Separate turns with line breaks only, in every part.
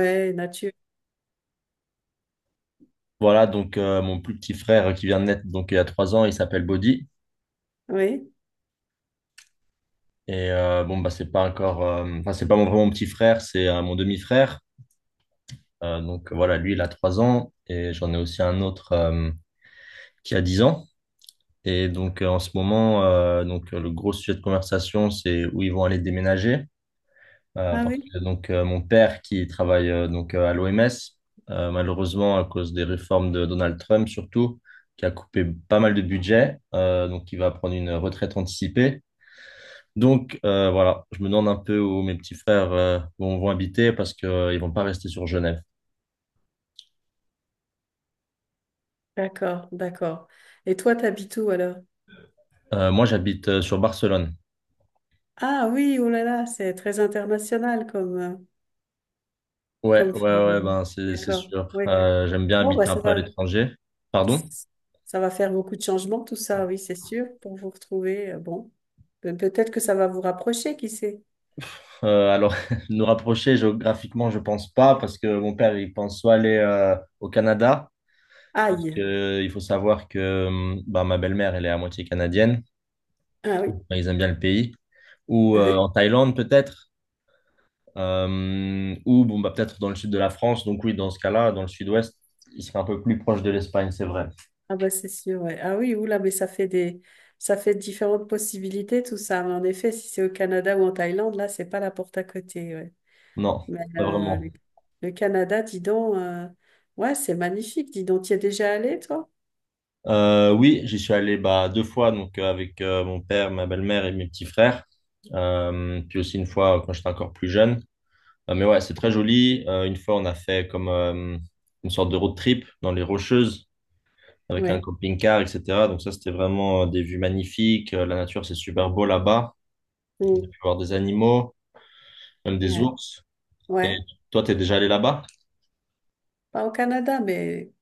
Ouais, nature.
Voilà, donc mon plus petit frère qui vient de naître donc il y a 3 ans, il s'appelle Bodhi.
Oui.
Et bon, bah, c'est pas encore, enfin, c'est pas mon, vraiment mon petit frère, c'est mon demi-frère. Donc voilà, lui, il a 3 ans et j'en ai aussi un autre qui a 10 ans. Et donc en ce moment, le gros sujet de conversation, c'est où ils vont aller déménager. Euh,
Ah
parce
oui.
que donc mon père qui travaille à l'OMS, malheureusement à cause des réformes de Donald Trump surtout, qui a coupé pas mal de budget, donc il va prendre une retraite anticipée. Donc voilà, je me demande un peu où mes petits frères vont habiter parce qu'ils vont pas rester sur Genève.
D'accord, d'accord. Et toi, t'habites où alors?
Moi j'habite sur Barcelone.
Ah oui, oh là là, c'est très international comme
Ouais,
comme
ouais, ouais,
phénomène.
ben c'est
D'accord.
sûr.
Oui.
J'aime bien
Bon bah
habiter un peu à l'étranger. Pardon?
ça va faire beaucoup de changements tout ça, oui, c'est sûr, pour vous retrouver. Bon, peut-être que ça va vous rapprocher, qui sait?
Alors, nous rapprocher géographiquement, je pense pas, parce que mon père, il pense soit aller au Canada, parce
Aïe.
que il faut savoir que bah, ma belle-mère, elle est à moitié canadienne,
Ah oui.
bah, ils aiment bien le pays, ou en Thaïlande peut-être, ou bon, bah, peut-être dans le sud de la France, donc oui, dans ce cas-là, dans le sud-ouest, il serait un peu plus proche de l'Espagne, c'est vrai.
Ah bah c'est sûr, ouais. Ah oui, oula, mais ça fait des ça fait différentes possibilités tout ça. Mais en effet, si c'est au Canada ou en Thaïlande, là, c'est pas la porte à côté, ouais.
Non,
Mais
pas vraiment.
le Canada, dis donc, ouais, c'est magnifique, dis donc. Tu es déjà allé, toi?
Oui, j'y suis allé bah, deux fois, donc avec mon père, ma belle-mère et mes petits frères. Puis aussi une fois quand j'étais encore plus jeune. Mais ouais, c'est très joli. Une fois, on a fait comme une sorte de road trip dans les Rocheuses avec un
Ouais.
camping-car, etc. Donc ça, c'était vraiment des vues magnifiques. La nature, c'est super beau là-bas. On a
Mm.
pu voir des animaux, même des
Ouais.
ours. Et
Ouais.
toi, t'es déjà allé là-bas?
Pas au Canada, mais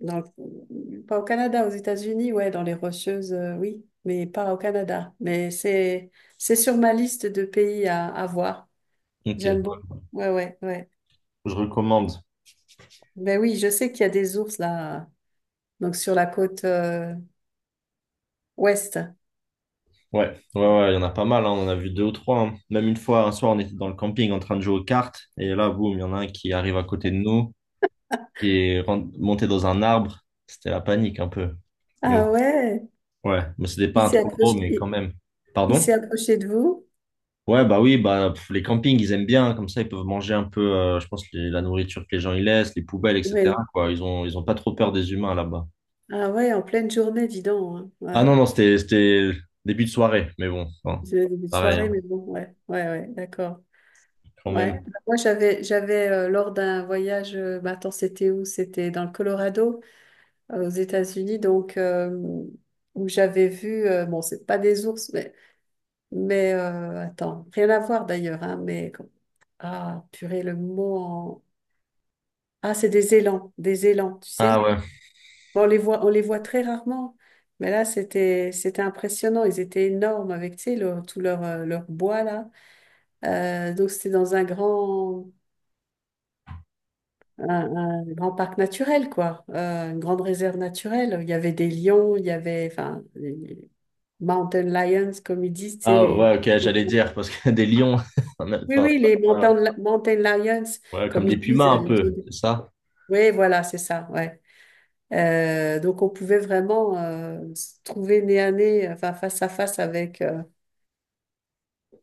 pas au Canada, aux États-Unis, ouais, dans les Rocheuses, oui, mais pas au Canada. Mais c'est sur ma liste de pays à voir.
Ok, ouais.
J'aime beaucoup. Ouais, ouais, ouais.
Je recommande.
Ben oui, je sais qu'il y a des ours là, donc sur la côte ouest.
Ouais, ouais, ouais, il y en a pas mal, hein. On en a vu deux ou trois, hein. Même une fois, un soir, on était dans le camping en train de jouer aux cartes. Et là, boum, il y en a un qui arrive à côté de nous, qui est monté dans un arbre. C'était la panique un peu. Mais
Ah ouais,
ouais, mais c'était pas
il
un
s'est
trop gros,
approché,
mais quand
il,
même.
il s'est
Pardon?
approché de vous.
Ouais, bah oui, bah pff, les campings, ils aiment bien, comme ça, ils peuvent manger un peu, je pense, la nourriture que les gens y laissent, les poubelles, etc.,
Ouais.
quoi. Ils ont pas trop peur des humains là-bas.
Ah ouais, en pleine journée, dis donc, hein.
Ah
Ouais.
non, non, c'était début de soirée, mais bon, enfin,
C'est une
pareil,
soirée,
hein,
mais bon, ouais, ouais, ouais, d'accord.
quand même.
Ouais. Bah, moi, j'avais lors d'un voyage, attends, c'était où? C'était dans le Colorado, aux États-Unis, où j'avais vu, bon, c'est pas des ours, mais, attends, rien à voir d'ailleurs, hein, mais ah, purée, le mot en... Ah, c'est des élans, tu
Ah
sais?
ouais,
Bon, on les voit très rarement, mais là, c'était impressionnant. Ils étaient énormes avec, tu sais, tout leur, leur bois, là. Donc, c'était dans un grand, un, un grand parc naturel, quoi. Une grande réserve naturelle. Il y avait des lions, il y avait, enfin, les mountain lions, comme ils disent, tu sais,
ah
les...
ouais, ok, j'allais dire, parce que des lions,
Oui,
enfin,
oui, les
voilà.
mountain lions,
Ouais, comme
comme
des
ils disent.
pumas un peu, c'est ça?
Oui, voilà, c'est ça, ouais. Donc, on pouvait vraiment se trouver nez à nez, enfin, face à face avec...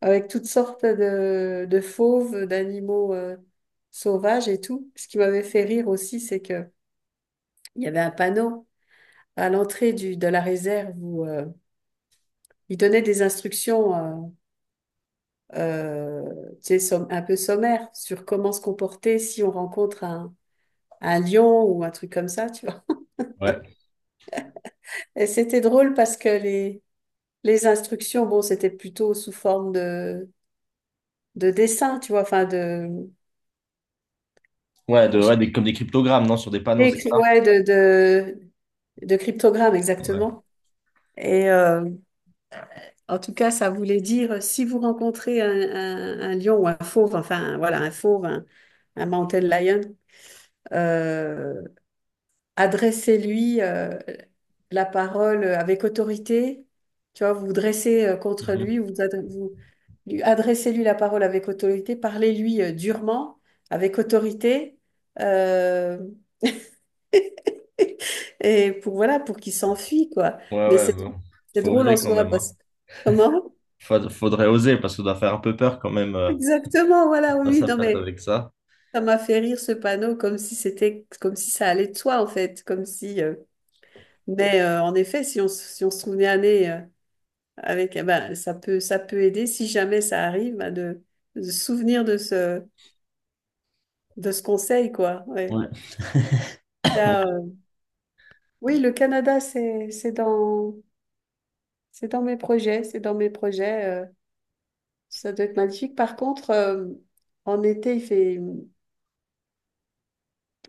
avec toutes sortes de fauves, d'animaux sauvages et tout. Ce qui m'avait fait rire aussi, c'est que il y avait un panneau à l'entrée de la réserve où il donnait des instructions euh, euh, tu sais, un peu sommaires sur comment se comporter si on rencontre un lion ou un truc comme ça, tu vois.
Ouais,
Et c'était drôle parce que les instructions, bon, c'était plutôt sous forme de dessin, tu vois, enfin de...
ouais, comme des cryptogrammes, non, sur des panneaux, c'est ça?
Ouais, de cryptogramme,
Ouais,
exactement. Et en tout cas, ça voulait dire, si vous rencontrez un lion ou un fauve, enfin voilà, un fauve, un mountain lion, euh, adressez-lui la parole avec autorité. Tu vois, vous vous dressez contre lui,
mhm.
vous, adre- vous lui- adressez-lui la parole avec autorité, parlez-lui durement, avec autorité. euh, Et pour, voilà, pour qu'il s'enfuit, quoi.
Ouais,
Mais
ouais,
c'est
bon,
c'est
faut
drôle en
oser quand
soi,
même, hein.
parce que... Comment?
Faudrait oser parce qu'on doit faire un peu peur quand même
Exactement, voilà, oui,
face
oui,
à
non,
face
mais
avec ça.
ça m'a fait rire ce panneau, comme si ça allait de soi, en fait, comme si... Mais en effet, si on se souvenait aller avec... eh ben, ça peut aider, si jamais ça arrive, ben, de se souvenir de ce conseil, quoi. Ouais.
Ouais.
Il y a, oui, le Canada, c'est dans mes projets, c'est dans mes projets. Ça doit être magnifique. Par contre, en été, il fait,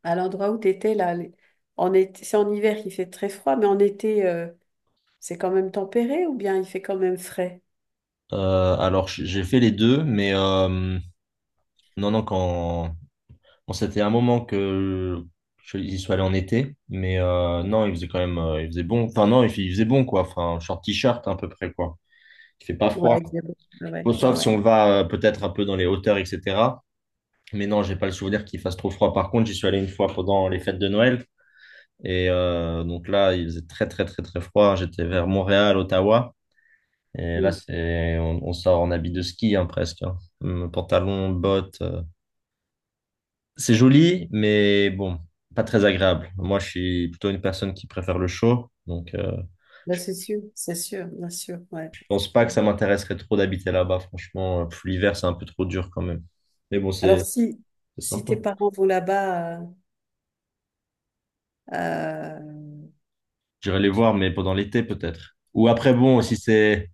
à l'endroit où tu étais, là, en été, c'est en hiver qu'il fait très froid, mais en été, c'est quand même tempéré ou bien il fait quand même frais?
Alors j'ai fait les deux, mais non, non, quand bon, c'était un moment que j'y suis allé en été, mais non, il faisait bon. Enfin non, il faisait bon quoi. Enfin short t-shirt à peu près quoi. Il fait pas froid.
Ouais, c'est bon. Ah ouais,
Bon,
ouais,
sauf si
ouais.
on va peut-être un peu dans les hauteurs, etc. Mais non, j'ai pas le souvenir qu'il fasse trop froid. Par contre, j'y suis allé une fois pendant les fêtes de Noël. Et donc là, il faisait très, très, très, très froid. J'étais vers Montréal, Ottawa. Et là,
Mm.
on sort en habit de ski, hein, presque, hein. Pantalon, bottes. C'est joli, mais bon, pas très agréable. Moi, je suis plutôt une personne qui préfère le chaud. Donc,
Là, c'est sûr, bien sûr, ouais.
je pense pas que
Ouais.
ça m'intéresserait trop d'habiter là-bas. Franchement, pff, l'hiver, c'est un peu trop dur quand même. Mais bon,
Alors,
c'est
si,
c'est
si tes
sympa.
parents vont là-bas, euh,
J'irai les
tu-
voir, mais pendant l'été, peut-être. Ou après, bon, si c'est.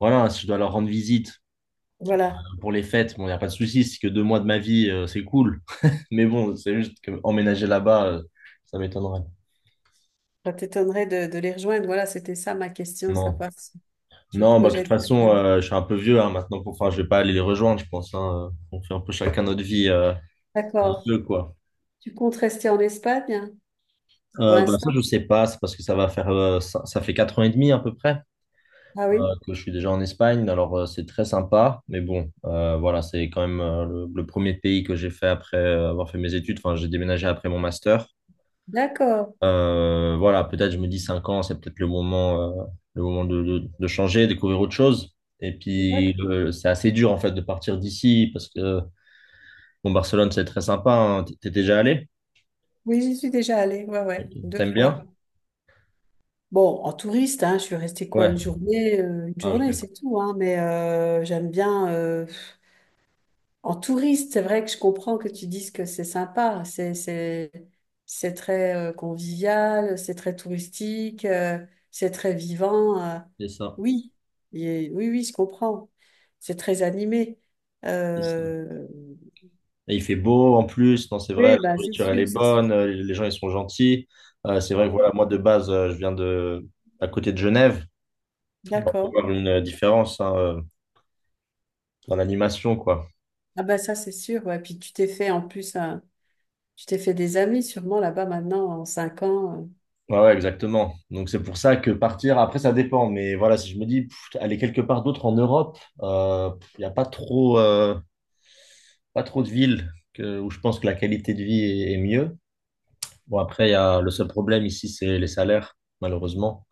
Voilà, si je dois leur rendre visite
voilà,
pour les fêtes, bon, il n'y a pas de souci. Si c'est que 2 mois de ma vie, c'est cool. Mais bon, c'est juste que emménager là-bas, ça m'étonnerait.
ça t'étonnerait de les rejoindre. Voilà, c'était ça ma question, savoir
Non.
si tu
Non, bah, de toute
projettes.
façon, je suis un peu vieux hein, maintenant. Pour... Enfin, je vais pas aller les rejoindre, je pense, hein. On fait un peu chacun notre vie. On
D'accord.
veut quoi.
Tu comptes rester en Espagne? Pour
Bah, ça,
l'instant?
je sais pas, c'est parce que ça va faire, ça fait 4 ans et demi à peu près
Ah
euh,
oui?
que je suis déjà en Espagne. Alors, c'est très sympa, mais bon, voilà, c'est quand même le premier pays que j'ai fait après avoir fait mes études. Enfin, j'ai déménagé après mon master.
D'accord.
Voilà, peut-être je me dis 5 ans, c'est peut-être le moment de changer, découvrir autre chose. Et
D'accord.
puis c'est assez dur en fait de partir d'ici parce que bon, Barcelone c'est très sympa, hein. T'es déjà allé?
Oui, j'y suis déjà allée. Ouais, ouais, deux
T'aimes bien?
fois. Bon, en touriste, hein, je suis restée quoi,
Ouais.
une
Ah ok.
journée, c'est tout, hein, mais j'aime bien. En touriste, c'est vrai que je comprends que tu dises que c'est sympa, c'est très convivial, c'est très touristique, c'est très vivant.
C'est ça.
Oui, oui, oui, je comprends. C'est très animé.
C'est ça.
Euh,
Et il fait beau en plus. Non, c'est vrai. La
oui, bah, c'est
nourriture elle
sûr,
est
c'est sûr.
bonne. Les gens ils sont gentils. C'est
Ah
vrai que
ouais.
voilà, moi de base je viens de à côté de Genève. On peut
D'accord.
voir une différence hein, dans l'animation quoi.
Ah bah ça c'est sûr, ouais. Puis tu t'es fait en plus un- Tu t'es fait des amis sûrement là-bas maintenant en cinq ans, euh.
Ouais, ouais, exactement. Donc c'est pour ça que partir, après ça dépend, mais voilà, si je me dis pff, aller quelque part d'autre en Europe, pff, il n'y a pas trop, pas trop de villes où je pense que la qualité de vie est mieux. Bon, après, il y a, le seul problème ici, c'est les salaires, malheureusement.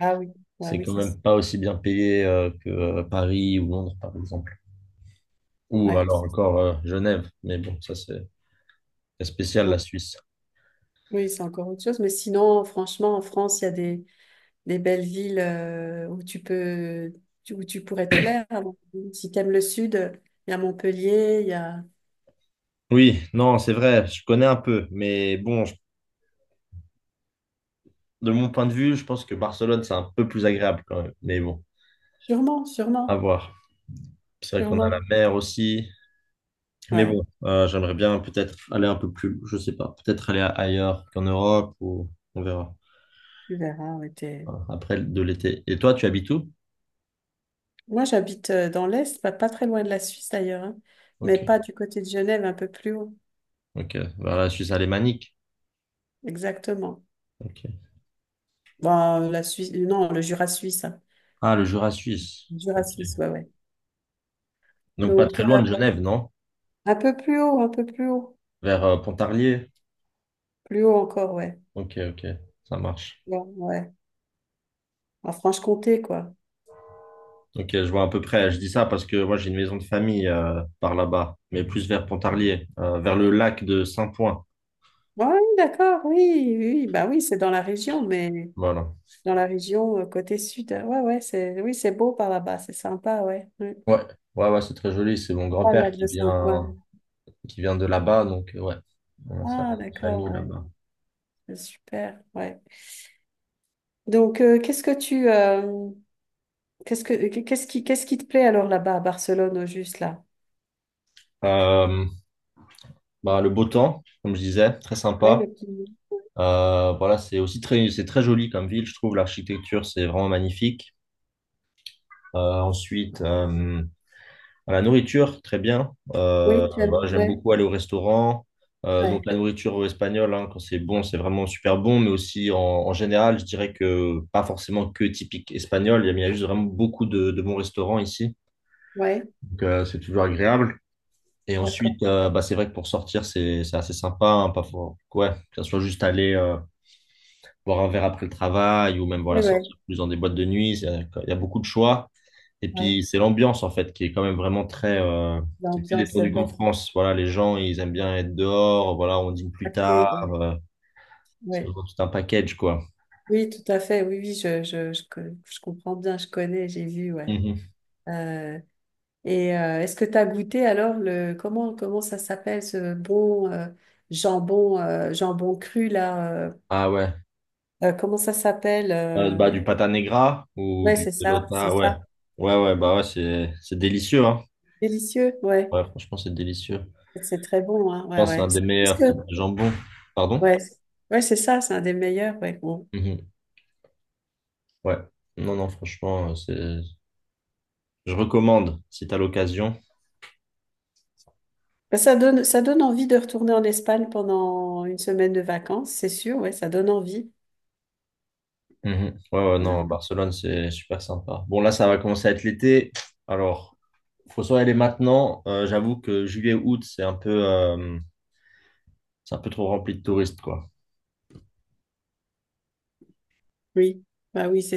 Ah oui, ah
C'est
oui,
quand
c'est ça,
même pas aussi bien payé que Paris ou Londres, par exemple. Ou
ouais.
alors encore Genève, mais bon, ça c'est spécial la
Bon.
Suisse.
Oui, c'est encore autre chose. Mais sinon, franchement, en France, il y a des belles villes où tu peux où tu pourrais te plaire. Alors, si t'aimes le sud, il y a Montpellier, il y a
Oui, non, c'est vrai, je connais un peu, mais bon, je de mon point de vue, je pense que Barcelone, c'est un peu plus agréable quand même. Mais bon,
sûrement, sûrement,
à voir. C'est vrai qu'on a la
sûrement.
mer aussi. Mais
Ouais,
bon, j'aimerais bien peut-être aller un peu plus, je sais pas, peut-être aller ailleurs qu'en Europe ou on verra.
tu verras, ouais,
Voilà, après de l'été. Et toi, tu habites où?
moi j'habite dans l'Est, pas très loin de la Suisse d'ailleurs, hein, mais
Ok,
pas du côté de Genève, un peu plus haut.
ok. Vers la Suisse alémanique.
Exactement.
Ok.
Bon, la Suisse, non, le Jura suisse, hein.
Ah, le Jura suisse.
Le Jura
Ok.
suisse, ouais, ouais.
Donc pas
Donc,
très loin de Genève, non?
un peu plus haut, un peu plus haut.
Vers Pontarlier.
Plus haut encore, ouais.
Ok, ok. Ça marche.
Ouais, ouais. En Franche-Comté, quoi.
Ok, je vois à peu près. Je dis ça parce que moi j'ai une maison de famille par là-bas, mais plus vers Pontarlier, vers le lac de Saint-Point.
Ouais, d'accord, oui, oui. Oui. Bah oui, c'est dans la région, mais
Voilà.
dans la région côté sud, hein. Ouais, ouais, c'est, oui, c'est beau par là-bas, c'est sympa, ouais. Mm.
Ouais, ouais, ouais, c'est très joli. C'est mon
Ah, le
grand-père
lac
qui
de Saint-Ouen.
vient, de là-bas, donc ouais, on a sa
Ah,
famille
d'accord, ouais.
là-bas.
C'est super, ouais. Donc, qu'est-ce que tu, qu'est-ce que, qu'est-ce qui te plaît alors là-bas à Barcelone, au juste là?
Euh, bah, le beau temps, comme je disais, très
Ouais,
sympa.
le petit.
Voilà, c'est aussi très, c'est très joli comme ville, je trouve. L'architecture, c'est vraiment magnifique. Ensuite, à la nourriture, très bien. Euh,
Oui, tu aimes.
voilà, j'aime
Ouais,
beaucoup aller au restaurant. Donc
ouais,
la nourriture espagnole, hein, quand c'est bon, c'est vraiment super bon, mais aussi en, en général, je dirais que pas forcément que typique espagnol. Il y a juste vraiment beaucoup de bons restaurants ici.
ouais,
Donc c'est toujours agréable. Et
d'accord.
ensuite, bah, c'est vrai que pour sortir, c'est assez sympa, hein, pas for- ouais, que ce soit juste aller boire un verre après le travail ou même
Oui,
voilà,
ouais,
sortir plus dans des boîtes de nuit. Il y a beaucoup de choix. Et
ouais.
puis, c'est l'ambiance, en fait, qui est quand même vraiment très, qui est plus
L'ambiance, c'est
détendue qu'en
vrai.
France. Voilà, les gens, ils aiment bien être dehors. Voilà, on dîne plus
Acté,
tard.
ouais.
C'est
Ouais.
vraiment tout un package, quoi.
Oui, tout à fait. Oui, oui, je comprends bien, je connais, j'ai vu, ouais.
Mhm.
Euh, est-ce que tu as goûté alors le comment ça s'appelle ce bon jambon cru là
Ah ouais.
comment ça s'appelle,
Bah, du pata negra ou
ouais
du
c'est
pelota, ouais.
ça
Ouais, ouais, bah ouais, c'est délicieux, hein.
délicieux ouais
Ouais, franchement, c'est délicieux.
c'est très bon hein
Je
ouais
pense que c'est
ouais
l'un des
c'est plus
meilleurs types de jambon. Pardon?
ouais ouais c'est ça c'est un des meilleurs ouais bon.
Mhm. Ouais. Non, non, franchement, je recommande si t'as l'occasion.
Ben, ça donne, ça donne envie de retourner en Espagne pendant une semaine de vacances, c'est sûr, ouais, ça donne envie.
Mhm. Ouais, ouais, non,
Euh,
Barcelone, c'est super sympa. Bon, là, ça va commencer à être l'été. Alors, faut soit aller maintenant. J'avoue que juillet, août, c'est un peu trop rempli de touristes, quoi.
oui, bah oui, c'est